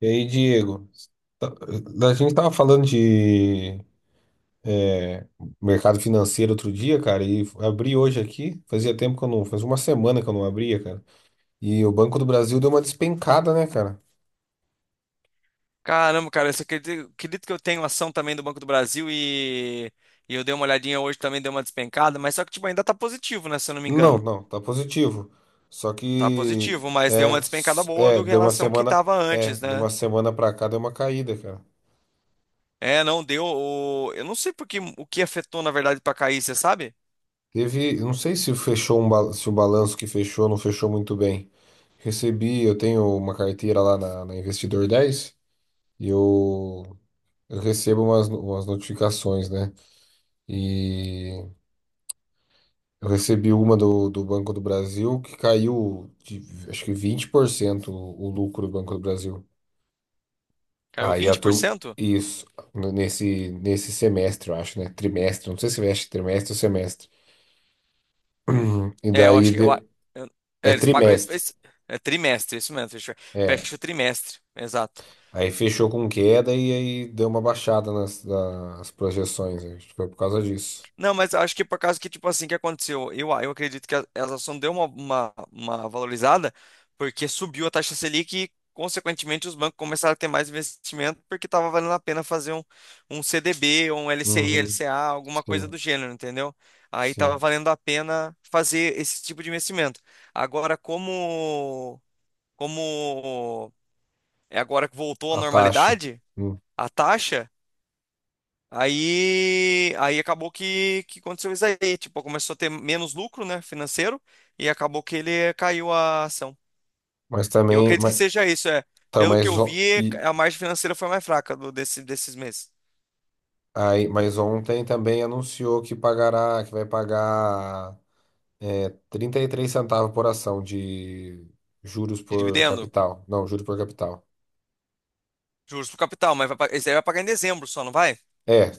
E aí, Diego, a gente tava falando de é, mercado financeiro outro dia, cara, e abri hoje aqui. Fazia tempo que eu não, faz uma semana que eu não abria, cara. E o Banco do Brasil deu uma despencada, né, cara? Caramba, cara, eu só acredito que eu tenho ação também do Banco do Brasil e eu dei uma olhadinha hoje também, deu uma despencada, mas só que tipo, ainda tá positivo, né? Se eu não me Não, engano. não, tá positivo. Só Tá que positivo, mas deu uma despencada boa do que deu uma relação ao que semana, tava antes, de né? uma semana pra cá deu uma caída, cara. É, não deu. Eu não sei por que, o que afetou, na verdade, pra cair, você sabe? Teve, eu não sei se fechou se o balanço que fechou não fechou muito bem. Recebi, eu tenho uma carteira lá na Investidor Dez. E eu Eu recebo umas, umas notificações, né? E eu recebi uma do Banco do Brasil que caiu de acho que 20% o lucro do Banco do Brasil. Caiu Aí a vinte por turma. cento. Isso, nesse semestre, eu acho, né? Trimestre, não sei se veste trimestre ou semestre. E É, eu daí acho que. Eu, a- de- eu- é, É Eles pagam. Trimestre. É trimestre, isso mesmo. Fecha, É. fecha o trimestre, exato. Aí fechou com queda e aí deu uma baixada nas, nas projeções. Acho que foi por causa disso. Não, mas eu acho que por causa que, tipo assim, que aconteceu? Eu acredito que a, ela só não deu uma valorizada porque subiu a taxa Selic e, consequentemente, os bancos começaram a ter mais investimento porque estava valendo a pena fazer um CDB, ou um LCI, Uhum. LCA, alguma coisa do Sim, gênero, entendeu? Aí estava sim. valendo a pena fazer esse tipo de investimento. Agora, como é agora que voltou à A taxa. normalidade, Hum. a taxa. Aí acabou que aconteceu isso aí. Tipo, começou a ter menos lucro, né, financeiro, e acabou que ele caiu a ação. Mas Eu também, acredito que mas, seja isso, é. tá, Pelo que mas, eu o- vi, e, a margem financeira foi mais fraca do, desse, desses meses. aí, mas ontem também anunciou que pagará, que vai pagar 33 centavos por ação de juros De por dividendo, capital. Não, juros por capital. juros pro capital, mas vai, esse aí vai pagar em dezembro só, não vai? É,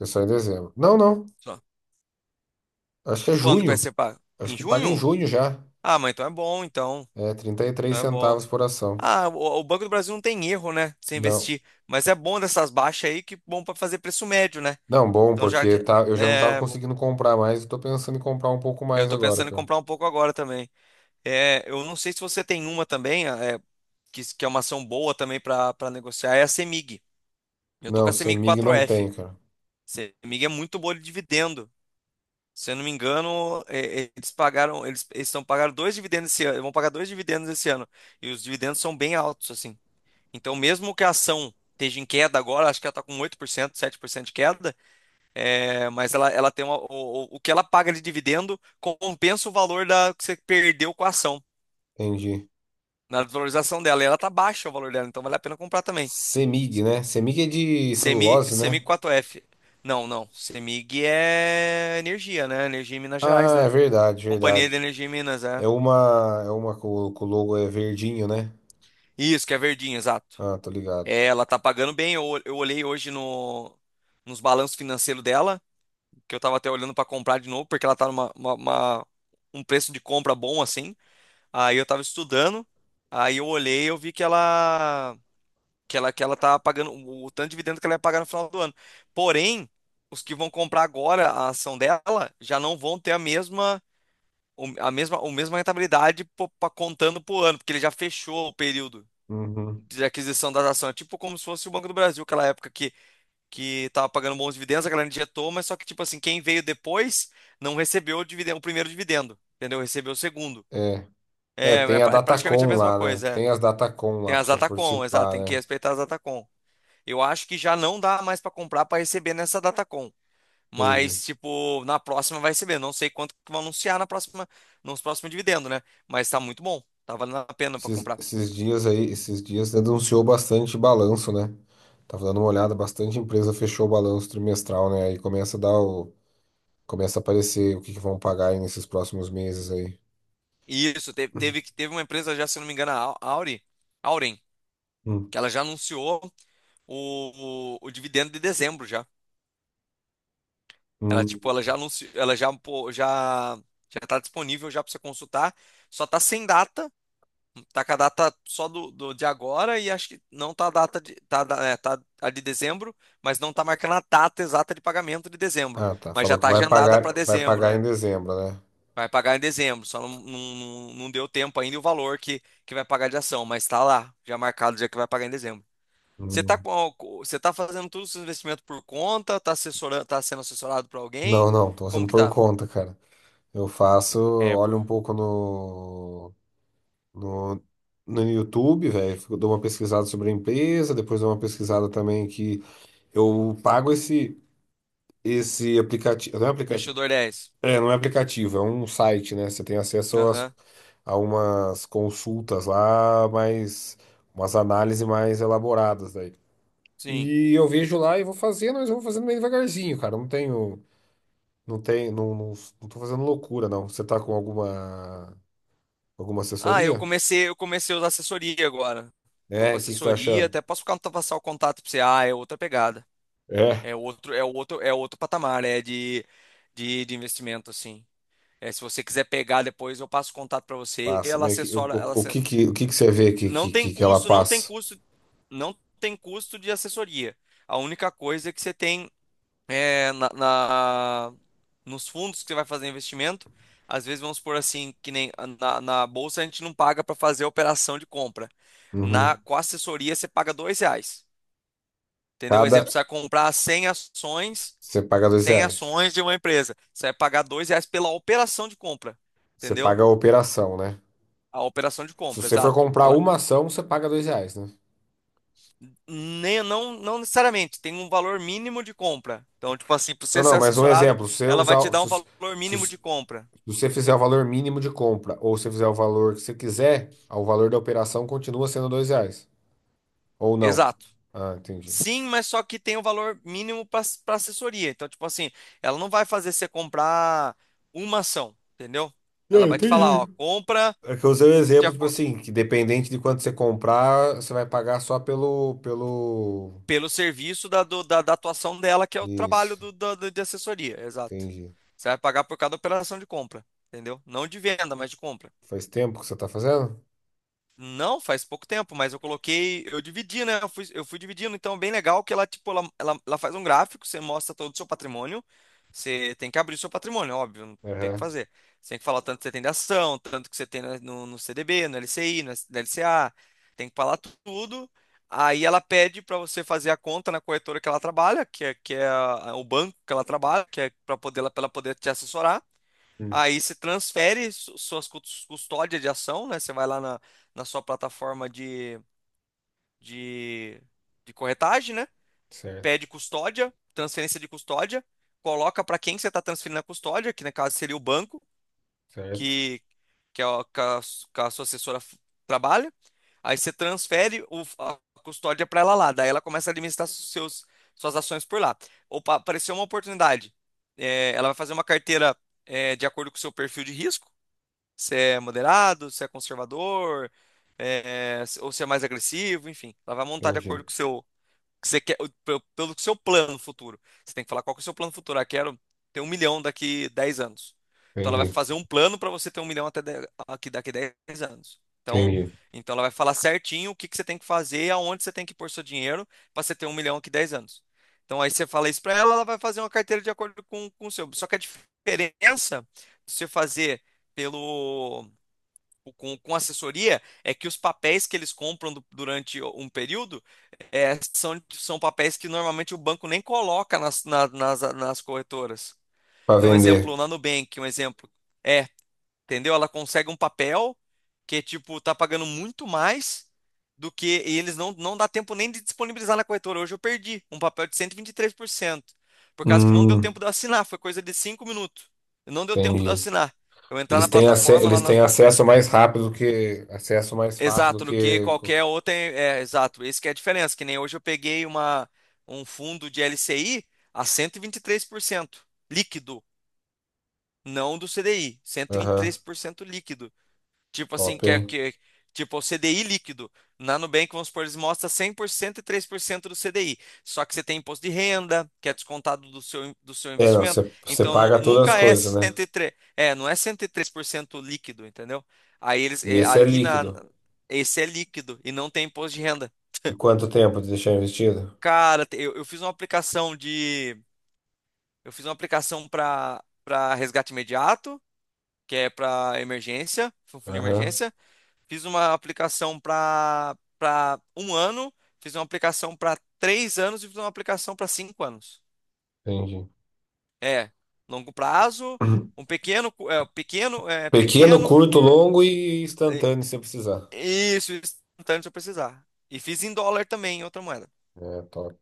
é só em dezembro. Não, não. Só. Acho que é Quando que vai junho. ser pago? Acho Em que paga em junho? junho já. Ah, mas então é bom, então. É, 33 Então é bom. centavos por ação. Ah, o Banco do Brasil não tem erro, né, se Não. investir. Mas é bom dessas baixas aí, que bom para fazer preço médio, né? Não, bom, Então já porque que... tá, eu já não tava É, conseguindo comprar mais, eu tô pensando em comprar um pouco eu mais tô agora, pensando em cara. comprar um pouco agora também. É, eu não sei se você tem uma também, é, que é uma ação boa também para negociar, é a CEMIG. Eu tô com Não, a CEMIG CEMIG não 4F. tem, cara. CEMIG é muito boa de dividendo. Se eu não me engano, é, eles estão pagando dois dividendos esse ano, vão pagar dois dividendos esse ano. E os dividendos são bem altos, assim. Então, mesmo que a ação esteja em queda agora, acho que ela está com 8%, 7% de queda, é, mas ela tem uma, o que ela paga de dividendo compensa o valor que você perdeu com a ação Entendi. na valorização dela. E ela tá baixa o valor dela, então vale a pena comprar também. CEMIG, né? CEMIG é de celulose, CEMIG né? 4F. Não, não. Semig é energia, né? Energia em Minas Gerais, Ah, é né? verdade, Companhia de verdade. Energia em Minas, é. É uma com o logo é verdinho, né? Isso, que é verdinho, exato. Ah, tô ligado. É, ela tá pagando bem. Eu olhei hoje no, nos balanços financeiros dela, que eu tava até olhando pra comprar de novo, porque ela tá numa, um preço de compra bom assim. Aí eu tava estudando, aí eu olhei, eu vi que ela tá pagando, o tanto de dividendo que ela ia pagar no final do ano. Porém, os que vão comprar agora a ação dela já não vão ter a mesma, a mesma rentabilidade contando por ano, porque ele já fechou o período Uhum. de aquisição das ações. É tipo como se fosse o Banco do Brasil, aquela época que tava pagando bons dividendos, a galera injetou, mas só que, tipo assim, quem veio depois não recebeu o dividendo, o primeiro dividendo, entendeu? Recebeu o segundo. É. É, tem a É praticamente a Datacom mesma lá, né? coisa, é. Tem as Datacom Tem lá pra as você Atacom, exato, participar, tem que né? respeitar as Atacom. Eu acho que já não dá mais para comprar para receber nessa Datacom. Entendi. Mas, tipo, na próxima vai receber. Não sei quanto que vão anunciar na próxima, nos próximos dividendos, né? Mas tá muito bom. Tá valendo a pena para Esses, comprar. esses dias aí, esses dias denunciou bastante balanço, né? Tava dando uma olhada, bastante empresa fechou o balanço trimestral, né? Aí começa a dar começa a aparecer o que que vão pagar aí nesses próximos meses aí. E isso, teve uma empresa já, se eu não me engano, a Auren, Hum. que ela já anunciou o dividendo de dezembro já. Ela, tipo, Hum. ela já anunciou, ela já, pô, já tá disponível já para você consultar. Só tá sem data. Tá com a data só de agora e acho que não tá a data de, tá a de dezembro, mas não tá marcando a data exata de pagamento de dezembro. Ah, tá. Mas já Falou que tá agendada para vai dezembro, pagar é. em dezembro, né? Vai pagar em dezembro, só não deu tempo ainda o valor que vai pagar de ação, mas tá lá, já marcado já que vai pagar em dezembro. Você tá Hum. com, você tá fazendo todos os seus investimentos por conta, tá assessorando, tá sendo assessorado por alguém? Não, não, tô Como fazendo que por tá? conta, cara. Eu faço, É, por olho um pouco no, no YouTube, velho. Dou uma pesquisada sobre a empresa, depois dou uma pesquisada também que eu pago esse, esse aplicativo. Não é aplicativo. Investidor 10. É, não é aplicativo, é um site, né? Você tem Aham, a umas consultas lá, mas umas análises mais elaboradas daí. sim. E eu vejo lá e vou fazendo, mas eu vou fazendo meio devagarzinho, cara. Eu não tenho, não tenho, não tô fazendo loucura, não. Você tá com alguma, alguma Ah, eu assessoria? comecei, eu comecei a usar assessoria agora. Tô com É, o que que você tá assessoria, achando? até posso passar o contato pra você. Ah, é outra pegada. É. É outro patamar, é de investimento, assim. É, se você quiser pegar depois, eu passo o contato pra você e Passa, ela mas assessora, o que que você vê não tem que ela custo, passa? Não tem custo de assessoria. A única coisa é que você tem é nos fundos que você vai fazer investimento, às vezes vamos supor assim, que nem na bolsa a gente não paga para fazer a operação de compra. Na, Uhum. com a assessoria, você paga R$ 2. Entendeu? Um Cada, exemplo, você vai comprar você paga dois cem reais. ações de uma empresa. Você vai pagar R$ 2 pela operação de compra. Você Entendeu? paga a operação, né? A operação de Se compra, você for exato. comprar Ela uma ação, você paga R$ 2, né? nem, não, não necessariamente tem um valor mínimo de compra. Então, tipo assim, para Não, você ser não, mas um assessorado, exemplo, se você ela vai te usar, dar um se, valor mínimo Se de compra. você fizer o valor mínimo de compra, ou se fizer o valor que você quiser, ah, o valor da operação continua sendo R$ 2. Ou não. Exato. Ah, entendi. Sim, mas só que tem um valor mínimo para assessoria. Então, tipo assim, ela não vai fazer você comprar uma ação, entendeu? Ela Não, vai te falar, entendi. ó, compra É que eu usei o de exemplo, tipo acordo, assim, que dependente de quanto você comprar, você vai pagar só pelo... pelo serviço da atuação dela, que é o trabalho Isso, de assessoria, exato. entendi. Você vai pagar por cada operação de compra, entendeu? Não de venda, mas de compra. Faz tempo que você tá fazendo? Não, faz pouco tempo, mas eu coloquei, eu dividi, né? Eu fui dividindo, então é bem legal que ela, tipo, ela faz um gráfico, você mostra todo o seu patrimônio. Você tem que abrir o seu patrimônio, óbvio, não tem o que Aham. fazer. Você tem que falar o tanto que você tem de ação, tanto que você tem no CDB, no LCI, no LCA, tem que falar tudo. Aí ela pede para você fazer a conta na corretora que ela trabalha, o banco que ela trabalha, que é para poder, para ela poder te assessorar. Hum. Aí você transfere suas custódia de ação, né? Você vai lá na, na sua plataforma de, de corretagem, né? Certo, Pede custódia, transferência de custódia, coloca para quem você está transferindo a custódia, que no caso seria o banco, certo. que, que, é o- que a, su- que a sua trabalha. Aí você transfere a custódia para ela lá, daí ela começa a administrar suas ações por lá. Opa, apareceu uma oportunidade. É, ela vai fazer uma carteira, é, de acordo com o seu perfil de risco, se é moderado, se é conservador, é, ou se é mais agressivo, enfim. Ela vai montar de acordo Entendi, com o seu, que você quer, pelo seu plano futuro. Você tem que falar qual que é o seu plano futuro. Ah, quero ter 1 milhão daqui 10 anos. Então ela vai entendi, fazer um plano para você ter 1 milhão daqui 10 anos. Então, entendi. então ela vai falar certinho o que, que você tem que fazer e aonde você tem que pôr seu dinheiro para você ter 1 milhão aqui 10 anos. Então aí você fala isso para ela, ela vai fazer uma carteira de acordo com o seu. Só que a diferença de você fazer pelo com assessoria é que os papéis que eles compram durante um período é, são papéis que normalmente o banco nem coloca nas corretoras. Pra Então, vender. exemplo, na Nubank, um exemplo. É, entendeu? Ela consegue um papel que, tipo, tá pagando muito mais do que e eles não dá tempo nem de disponibilizar na corretora. Hoje eu perdi um papel de cento e vinte e três por cento por causa que não deu Hum, tempo de eu assinar, foi coisa de 5 minutos. Não deu tempo de eu entendi. assinar. Eu entrar Eles na têm, plataforma lá eles nas. têm acesso mais rápido que. Acesso mais fácil do Exato, do que que. qualquer outra. É, exato, esse que é a diferença. Que nem hoje eu peguei uma, um fundo de LCI a cento e vinte e três por cento líquido, não do C D I, cento e vinte e Aham, três por cento líquido. Tipo assim, top, que é hein? que, tipo o CDI líquido. Na Nubank, vamos supor, eles mostram 100% e 3% do CDI. Só que você tem imposto de renda, que é descontado do seu É, não, investimento. você você Então, paga todas as nunca é coisas, né? 103 é, não é 103% líquido, entendeu? Aí eles, E é, esse é ali na, líquido. esse é líquido e não tem imposto de renda. E quanto tempo de deixar investido? Cara, eu fiz uma aplicação eu fiz uma aplicação para resgate imediato, que é para emergência, fundo de Aham, emergência. Fiz uma aplicação para um ano, fiz uma aplicação para 3 anos e fiz uma aplicação para 5 anos. entendi. É, longo prazo, um pequeno, cu- é, Pequeno, pequeno curto, cur, longo e é, instantâneo, se precisar. isso, instantâneo se eu precisar. E fiz em dólar também, em outra moeda. É, top.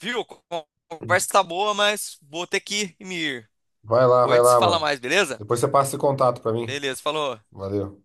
Viu? Conversa tá boa, mas vou ter que me ir. Depois a Vai gente se lá, fala mano. mais, beleza? Depois você passa esse contato pra mim. Beleza, falou. Valeu.